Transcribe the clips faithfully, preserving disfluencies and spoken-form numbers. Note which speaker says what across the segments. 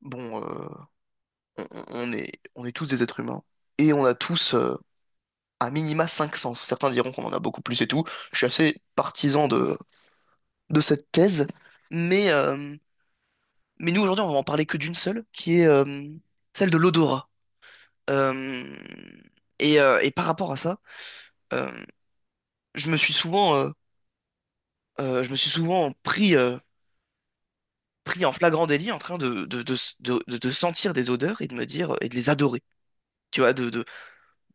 Speaker 1: bon, euh, on, on- est, on est tous des êtres humains et on a tous euh, un minima cinq sens. Certains diront qu'on en a beaucoup plus et tout. Je suis assez partisan de, de cette thèse, mais, euh, mais nous aujourd'hui on va en parler que d'une seule, qui est euh, celle de l'odorat. Euh, et, euh, et par rapport à ça, euh, je me suis souvent, euh, euh, je me suis souvent pris, euh, pris en flagrant délit en train de, de, de, de, de- de sentir des odeurs et de me dire et de les adorer. Tu vois, de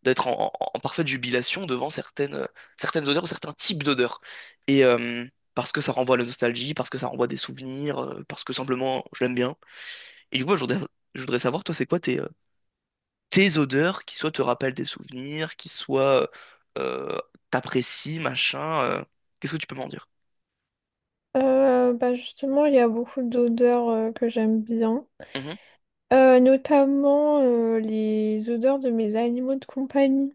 Speaker 1: d'être en, en- en parfaite jubilation devant certaines, euh, certaines odeurs ou certains types d'odeurs. Et euh, parce que ça renvoie à la nostalgie, parce que ça renvoie à des souvenirs, euh, parce que simplement je l'aime bien. Et du coup, je voudrais, je voudrais savoir, toi, c'est quoi tes, euh, tes odeurs qui soit te rappellent des souvenirs, qui soit euh, t'apprécient, machin. Euh, qu'est-ce que tu peux m'en dire?
Speaker 2: Euh, bah justement, il y a beaucoup d'odeurs euh, que j'aime bien.
Speaker 1: Mhm.
Speaker 2: Euh, notamment euh, les odeurs de mes animaux de compagnie.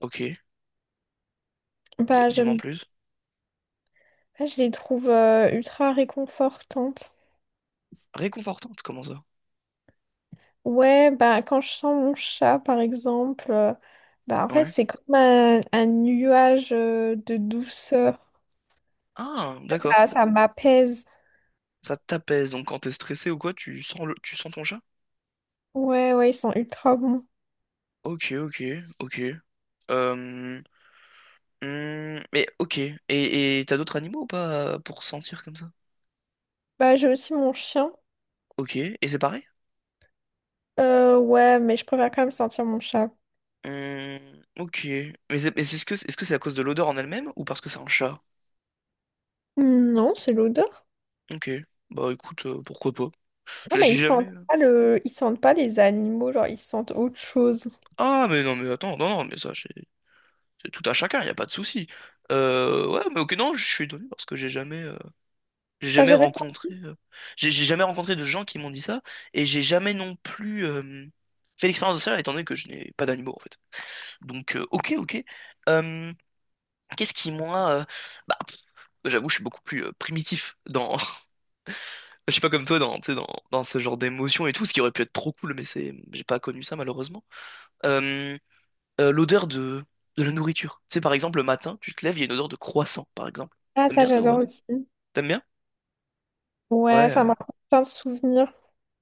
Speaker 1: Ok. Di-
Speaker 2: Bah,
Speaker 1: dis-moi en
Speaker 2: j'aime,
Speaker 1: plus.
Speaker 2: bah, je les trouve euh, ultra réconfortantes.
Speaker 1: Réconfortante, comment ça?
Speaker 2: Ouais, bah quand je sens mon chat par exemple, euh, bah en fait
Speaker 1: Ouais.
Speaker 2: c'est comme un, un nuage euh, de douceur.
Speaker 1: Ah,
Speaker 2: Ça,
Speaker 1: d'accord.
Speaker 2: ça m'apaise.
Speaker 1: Ça t'apaise, donc quand t'es stressé ou quoi, tu sens le... tu sens ton chat?
Speaker 2: Ouais, ouais, ils sont ultra bons.
Speaker 1: Ok, ok, ok. Euh, Hmm, mais ok. Et et t'as d'autres animaux ou pas euh, pour sentir comme ça?
Speaker 2: Bah j'ai aussi mon chien.
Speaker 1: Ok. Et c'est pareil?
Speaker 2: Euh, ouais, mais je préfère quand même sentir mon chat.
Speaker 1: Hmm, ok. Mais c'est mais c'est- est-ce que est-ce que c'est à cause de l'odeur en elle-même ou parce que c'est un chat?
Speaker 2: Non, c'est l'odeur.
Speaker 1: Ok. Bah écoute, euh, pourquoi pas?
Speaker 2: Non,
Speaker 1: Je-
Speaker 2: mais
Speaker 1: J'ai
Speaker 2: ils
Speaker 1: jamais.
Speaker 2: sentent pas le ils sentent pas les animaux, genre ils sentent autre chose.
Speaker 1: Ah mais non mais attends, non non mais ça c'est c'est tout à chacun, y a pas de souci. Euh, ouais mais ok non, je suis étonné parce que j'ai jamais euh, j'ai
Speaker 2: T'as
Speaker 1: jamais
Speaker 2: jamais
Speaker 1: rencontré
Speaker 2: senti?
Speaker 1: euh, j'ai j'ai jamais rencontré de gens qui m'ont dit ça et j'ai jamais non plus euh, fait l'expérience de ça étant donné que je n'ai pas d'animaux en fait. Donc, euh, ok, ok. Euh, Qu'est-ce qui, moi, euh, bah, pff, j'avoue, je suis beaucoup plus euh, primitif dans, je suis pas comme toi dans, tu sais, dans, dans ce genre d'émotion et tout, ce qui aurait pu être trop cool, mais c'est, j'ai pas connu ça malheureusement. Euh, euh, L'odeur de, de la nourriture. Tu sais, par exemple, le matin, tu te lèves, il y a une odeur de croissant, par exemple.
Speaker 2: Ah,
Speaker 1: T'aimes
Speaker 2: ça
Speaker 1: bien ça ou
Speaker 2: j'adore
Speaker 1: pas?
Speaker 2: aussi.
Speaker 1: T'aimes bien?
Speaker 2: Ouais,
Speaker 1: Ouais.
Speaker 2: ça
Speaker 1: euh,
Speaker 2: m'a rappelle plein de souvenirs.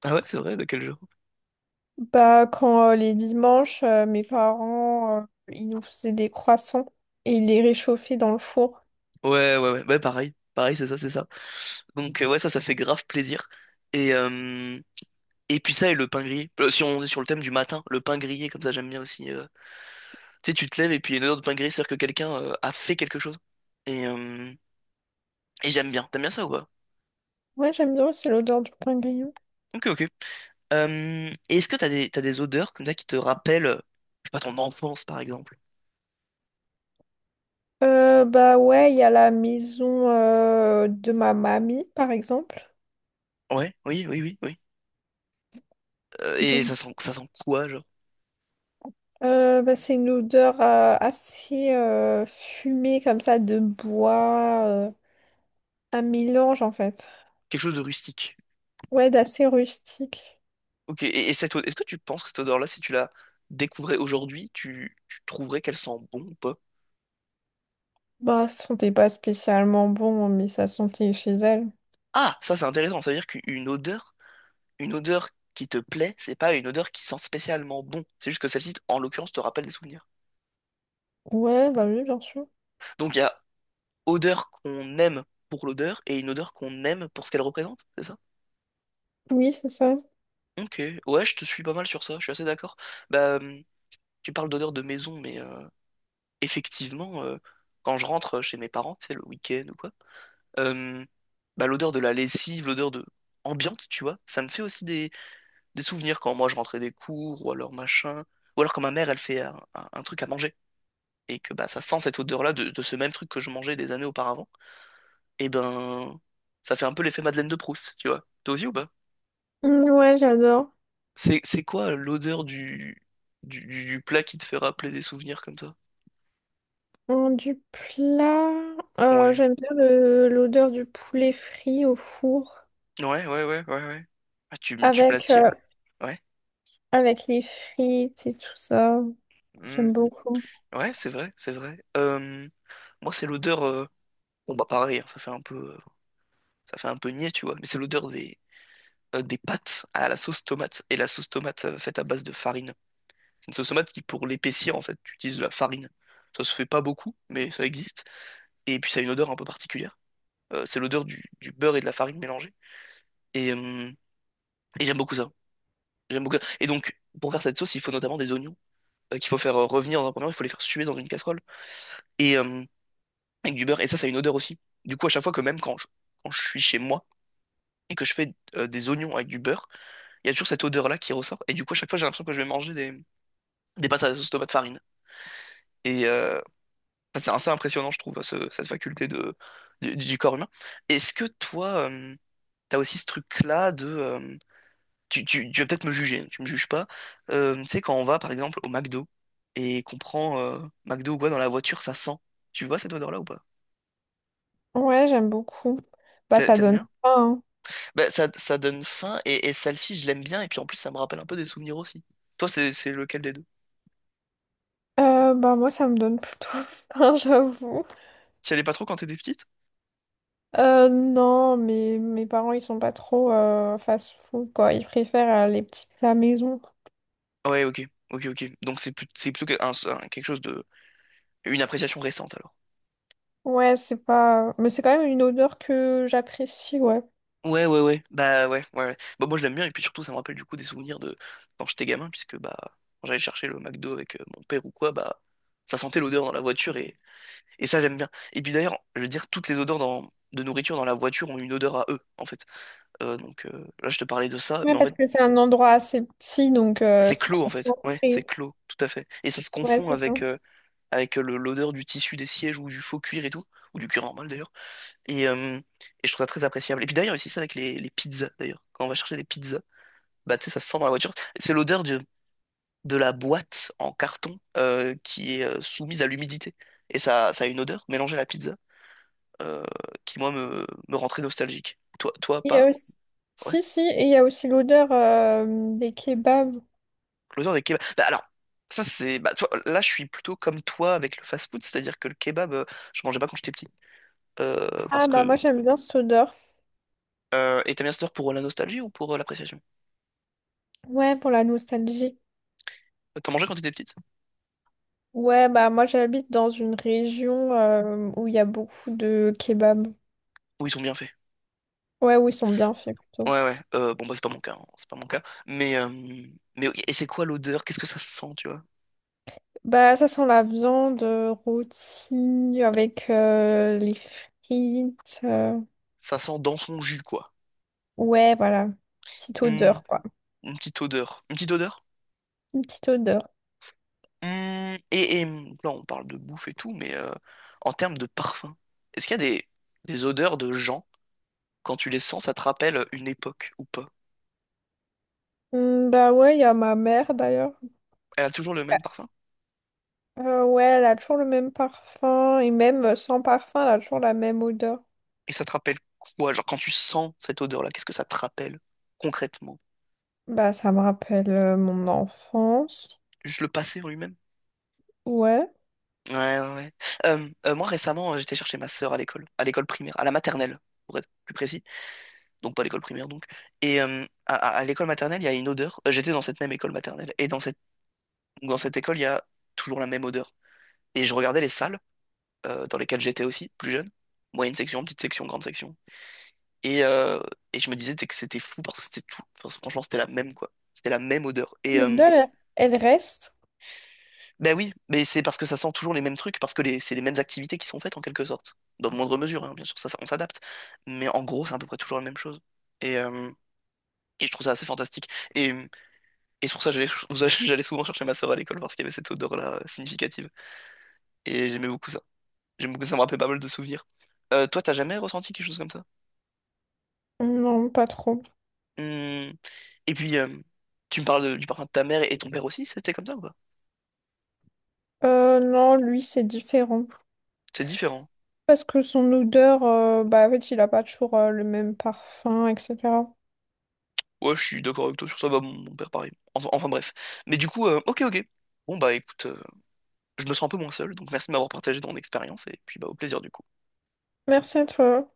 Speaker 1: Ah ouais, c'est vrai, de quel jour?
Speaker 2: Bah, quand euh, les dimanches, euh, mes parents, euh, ils nous faisaient des croissants et ils les réchauffaient dans le four.
Speaker 1: Ouais, ouais, ouais, ouais, pareil, pareil, c'est ça, c'est ça. Donc euh, ouais, ça, ça fait grave plaisir. Et Et puis ça et le pain grillé. Euh, Si on est sur le thème du matin, le pain grillé, comme ça j'aime bien aussi. euh. Tu sais, tu te lèves et puis il y a une odeur de pain grillé, c'est-à-dire que quelqu'un euh, a fait quelque chose. Et, euh, et j'aime bien. T'aimes bien ça ou pas?
Speaker 2: Ouais, j'aime bien aussi l'odeur du pain grillé.
Speaker 1: Ok, ok. Euh, et est-ce que t'as des, t'as des odeurs comme ça qui te rappellent, euh, je sais pas, ton enfance par exemple?
Speaker 2: Euh, bah ouais, il y a la maison euh, de ma mamie, par exemple.
Speaker 1: Ouais, oui, oui, oui, oui. Euh, et
Speaker 2: Donc,
Speaker 1: ça sent, ça sent quoi, genre?
Speaker 2: euh, bah, c'est une odeur euh, assez euh, fumée, comme ça, de bois, euh, un mélange en fait.
Speaker 1: Quelque chose de rustique.
Speaker 2: Ouais, d'assez rustique.
Speaker 1: Ok, et, et cette odeur est-ce que tu penses que cette odeur-là, si tu la découvrais aujourd'hui, tu, tu trouverais qu'elle sent bon ou pas?
Speaker 2: Bah, ça sentait pas spécialement bon, mais ça sentait chez elle.
Speaker 1: Ah, ça c'est intéressant, ça veut dire qu'une odeur une odeur qui te plaît, c'est pas une odeur qui sent spécialement bon. C'est juste que celle-ci, en l'occurrence, te rappelle des souvenirs.
Speaker 2: Ouais, bah oui, bien sûr.
Speaker 1: Donc il y a odeur qu'on aime pour l'odeur et une odeur qu'on aime pour ce qu'elle représente, c'est ça?
Speaker 2: Oui, c'est ça.
Speaker 1: Ok, ouais, je te suis pas mal sur ça, je suis assez d'accord. Bah, hum, tu parles d'odeur de maison, mais euh, effectivement, euh, quand je rentre chez mes parents, c'est le week-end ou quoi, euh, bah, l'odeur de la lessive, l'odeur de ambiante, tu vois, ça me fait aussi des, des souvenirs quand moi je rentrais des cours ou alors machin, ou alors quand ma mère elle fait un un- un truc à manger. Et que bah, ça sent cette odeur-là de, de ce même truc que je mangeais des années auparavant, et ben ça fait un peu l'effet Madeleine de Proust, tu vois. T'as aussi ou pas?
Speaker 2: Mm, ouais, j'adore.
Speaker 1: C'est, c'est quoi l'odeur du, du, du- du plat qui te fait rappeler des souvenirs comme ça?
Speaker 2: Mm, du plat, euh,
Speaker 1: Ouais,
Speaker 2: j'aime bien le- l'odeur du poulet frit au four.
Speaker 1: ouais, ouais, ouais, ouais, ouais. Ah, tu, me- tu me
Speaker 2: Avec,
Speaker 1: l'attires.
Speaker 2: euh,
Speaker 1: Ouais.
Speaker 2: Avec les frites et tout ça. J'aime
Speaker 1: Mhm.
Speaker 2: beaucoup.
Speaker 1: Ouais, c'est vrai, c'est vrai. Euh, moi, c'est l'odeur. euh, Bon, bah pareil, hein, ça fait un peu, euh, ça fait un peu niais, tu vois. Mais c'est l'odeur des, euh, des pâtes à la sauce tomate et la sauce tomate euh, faite à base de farine. C'est une sauce tomate qui, pour l'épaissir, en fait, tu utilises de la farine. Ça se fait pas beaucoup, mais ça existe. Et puis ça a une odeur un peu particulière. Euh, c'est l'odeur du, du beurre et de la farine mélangée. Et, euh, et j'aime beaucoup ça. J'aime beaucoup ça. Et donc, pour faire cette sauce, il faut notamment des oignons euh, qu'il faut faire euh, revenir dans un premier temps. Il faut les faire suer dans une casserole. Et euh, avec du beurre. Et ça, ça a une odeur aussi. Du coup, à chaque fois que même quand je, quand je suis chez moi et que je fais euh, des oignons avec du beurre, il y a toujours cette odeur-là qui ressort. Et du coup, à chaque fois, j'ai l'impression que je vais manger des, des pâtes à la sauce tomate farine. Et, euh, Enfin, c'est assez impressionnant, je trouve, ce- cette faculté de, du, du corps humain. Est-ce que toi, tu t'as aussi ce truc-là de... euh, tu, tu- tu vas peut-être me juger, tu me juges pas. Euh, tu sais, quand on va, par exemple, au McDo et qu'on prend euh, McDo ou quoi dans la voiture, ça sent. Tu vois cette odeur-là ou pas?
Speaker 2: Ouais, j'aime beaucoup. Bah,
Speaker 1: T'a-
Speaker 2: ça
Speaker 1: T'aimes
Speaker 2: donne
Speaker 1: bien?
Speaker 2: faim.
Speaker 1: Bah, ça, ça donne faim, et, et celle-ci, je l'aime bien, et puis en plus, ça me rappelle un peu des souvenirs aussi. Toi, c'est c'est lequel des deux?
Speaker 2: Hein. Euh, bah, moi, ça me donne plutôt faim, j'avoue.
Speaker 1: Tu y allais pas trop quand t'étais petite?
Speaker 2: Euh, non, mais mes parents, ils sont pas trop euh, fast-food, quoi. Ils préfèrent euh, les petits plats maison.
Speaker 1: Ouais, ok, ok, ok. Donc c'est plus, c'est plutôt que- un- un- quelque chose de... Une appréciation récente, alors.
Speaker 2: Ouais, c'est pas Mais c'est quand même une odeur que j'apprécie, ouais.
Speaker 1: Ouais, ouais, ouais. Bah ouais, ouais, ouais. Bah moi je l'aime bien et puis surtout ça me rappelle du coup des souvenirs de quand j'étais gamin puisque bah quand j'allais chercher le McDo avec euh, mon père ou quoi, bah ça sentait l'odeur dans la voiture et, et ça j'aime bien. Et puis d'ailleurs, je veux dire, toutes les odeurs dans... de nourriture dans la voiture ont une odeur à eux en fait. Euh, donc euh, là je te parlais de ça,
Speaker 2: Ouais,
Speaker 1: mais en
Speaker 2: parce
Speaker 1: fait
Speaker 2: que c'est un endroit assez petit, donc euh,
Speaker 1: c'est
Speaker 2: c'est
Speaker 1: clos en fait. Ouais, c'est
Speaker 2: concentré.
Speaker 1: clos, tout à fait. Et ça se
Speaker 2: Ouais,
Speaker 1: confond
Speaker 2: c'est ça.
Speaker 1: avec, euh, avec le- l'odeur du tissu des sièges ou du faux cuir et tout, ou du cuir normal d'ailleurs. Et, euh, et je trouve ça très appréciable. Et puis d'ailleurs, c'est ça avec les, les pizzas d'ailleurs. Quand on va chercher des pizzas, bah, tu sais, ça se sent dans la voiture. C'est l'odeur de, de la boîte en carton euh, qui est euh, soumise à l'humidité. Et ça, ça a une odeur mélangée à la pizza euh, qui, moi, me, me rend très nostalgique. Toi, toi,
Speaker 2: Il y
Speaker 1: pas?
Speaker 2: a aussi
Speaker 1: Ouais.
Speaker 2: Si, si, et il y a aussi l'odeur euh, des kebabs.
Speaker 1: L'odeur des kebabs. Bah, alors, ça, c'est. Bah, toi, là, je suis plutôt comme toi avec le fast-food, c'est-à-dire que le kebab, euh, je mangeais pas quand j'étais petit. Euh,
Speaker 2: Ah,
Speaker 1: parce
Speaker 2: bah
Speaker 1: que.
Speaker 2: moi, j'aime bien cette odeur.
Speaker 1: Euh, et t'aimes bien cette odeur pour la nostalgie ou pour euh, l'appréciation?
Speaker 2: Ouais, pour la nostalgie.
Speaker 1: T'en mangeais quand t'étais petite?
Speaker 2: Ouais, bah moi, j'habite dans une région euh, où il y a beaucoup de kebabs.
Speaker 1: Ou ils sont bien faits.
Speaker 2: Ouais, où ils sont bien faits, plutôt.
Speaker 1: Ouais, ouais. Euh, bon, bah, c'est pas mon cas, hein. C'est pas mon cas. Mais. euh, Mais oui, et c'est quoi l'odeur? Qu'est-ce que ça sent, tu vois?
Speaker 2: Bah, ça sent la viande euh, rôtie avec euh, les frites. euh,
Speaker 1: Ça sent dans son jus, quoi.
Speaker 2: Ouais, voilà. Petite
Speaker 1: Hmm,
Speaker 2: odeur, quoi.
Speaker 1: une petite odeur. Une petite odeur?
Speaker 2: Une petite odeur.
Speaker 1: Hmm, et, et, mmh, là, on parle de bouffe et tout, mais euh, en termes de parfum, est-ce qu'il y a des, des odeurs de gens, quand tu les sens, ça te rappelle une époque ou pas?
Speaker 2: Hum, bah ouais, il y a ma mère d'ailleurs.
Speaker 1: Elle a toujours le même parfum?
Speaker 2: Euh, ouais, elle a toujours le même parfum. Et même euh, sans parfum, elle a toujours la même odeur.
Speaker 1: Et ça te rappelle quoi? Genre, quand tu sens cette odeur-là, qu'est-ce que ça te rappelle concrètement?
Speaker 2: Bah, ça me rappelle euh, mon enfance.
Speaker 1: Juste le passé en lui-même?
Speaker 2: Ouais.
Speaker 1: Ouais, ouais, ouais. Euh, euh, moi, récemment, euh, j'étais chercher ma sœur à l'école, à l'école primaire, à la maternelle, pour être plus précis. Donc pas l'école primaire donc. Et euh, à, à- à l'école maternelle, il y a une odeur. Euh, j'étais dans cette même école maternelle. Et dans cette, dans cette école, il y a toujours la même odeur. Et je regardais les salles euh, dans lesquelles j'étais aussi, plus jeune. Moyenne section, petite section, grande section. Et, euh, et je me disais t'sais, que c'était fou parce que c'était tout, enfin, franchement, c'était la même, quoi. C'était la même odeur. Et euh,
Speaker 2: L'odeur, elle elle reste?
Speaker 1: ben oui, mais c'est parce que ça sent toujours les mêmes trucs, parce que les- c'est les mêmes activités qui sont faites en quelque sorte. Dans moindre mesure, hein, bien sûr, ça, ça- on s'adapte. Mais en gros, c'est à peu près toujours la même chose. Et, euh, et je trouve ça assez fantastique. Et Et c'est pour ça que j'allais j'allais souvent chercher ma sœur à l'école parce qu'il y avait cette odeur-là euh, significative. Et j'aimais beaucoup ça. J'aimais beaucoup ça, ça me rappelait pas mal de souvenirs. Euh, toi, t'as jamais ressenti quelque chose comme ça?
Speaker 2: Non, pas trop.
Speaker 1: Hmm. Et puis, euh, tu me parles de- du parfum de ta mère et ton père aussi, c'était comme ça ou pas?
Speaker 2: Euh, non, lui, c'est différent.
Speaker 1: C'est différent.
Speaker 2: Parce que son odeur, euh, bah, en fait, il a pas toujours euh, le même parfum, et cætera.
Speaker 1: Ouais, je suis d'accord avec toi sur ça, bah, mon, mon père pareil. Enfin, enfin, bref. Mais du coup, euh, ok, ok. Bon bah écoute, euh, je me sens un peu moins seul, donc merci de m'avoir partagé ton expérience et puis bah au plaisir du coup.
Speaker 2: Merci à toi.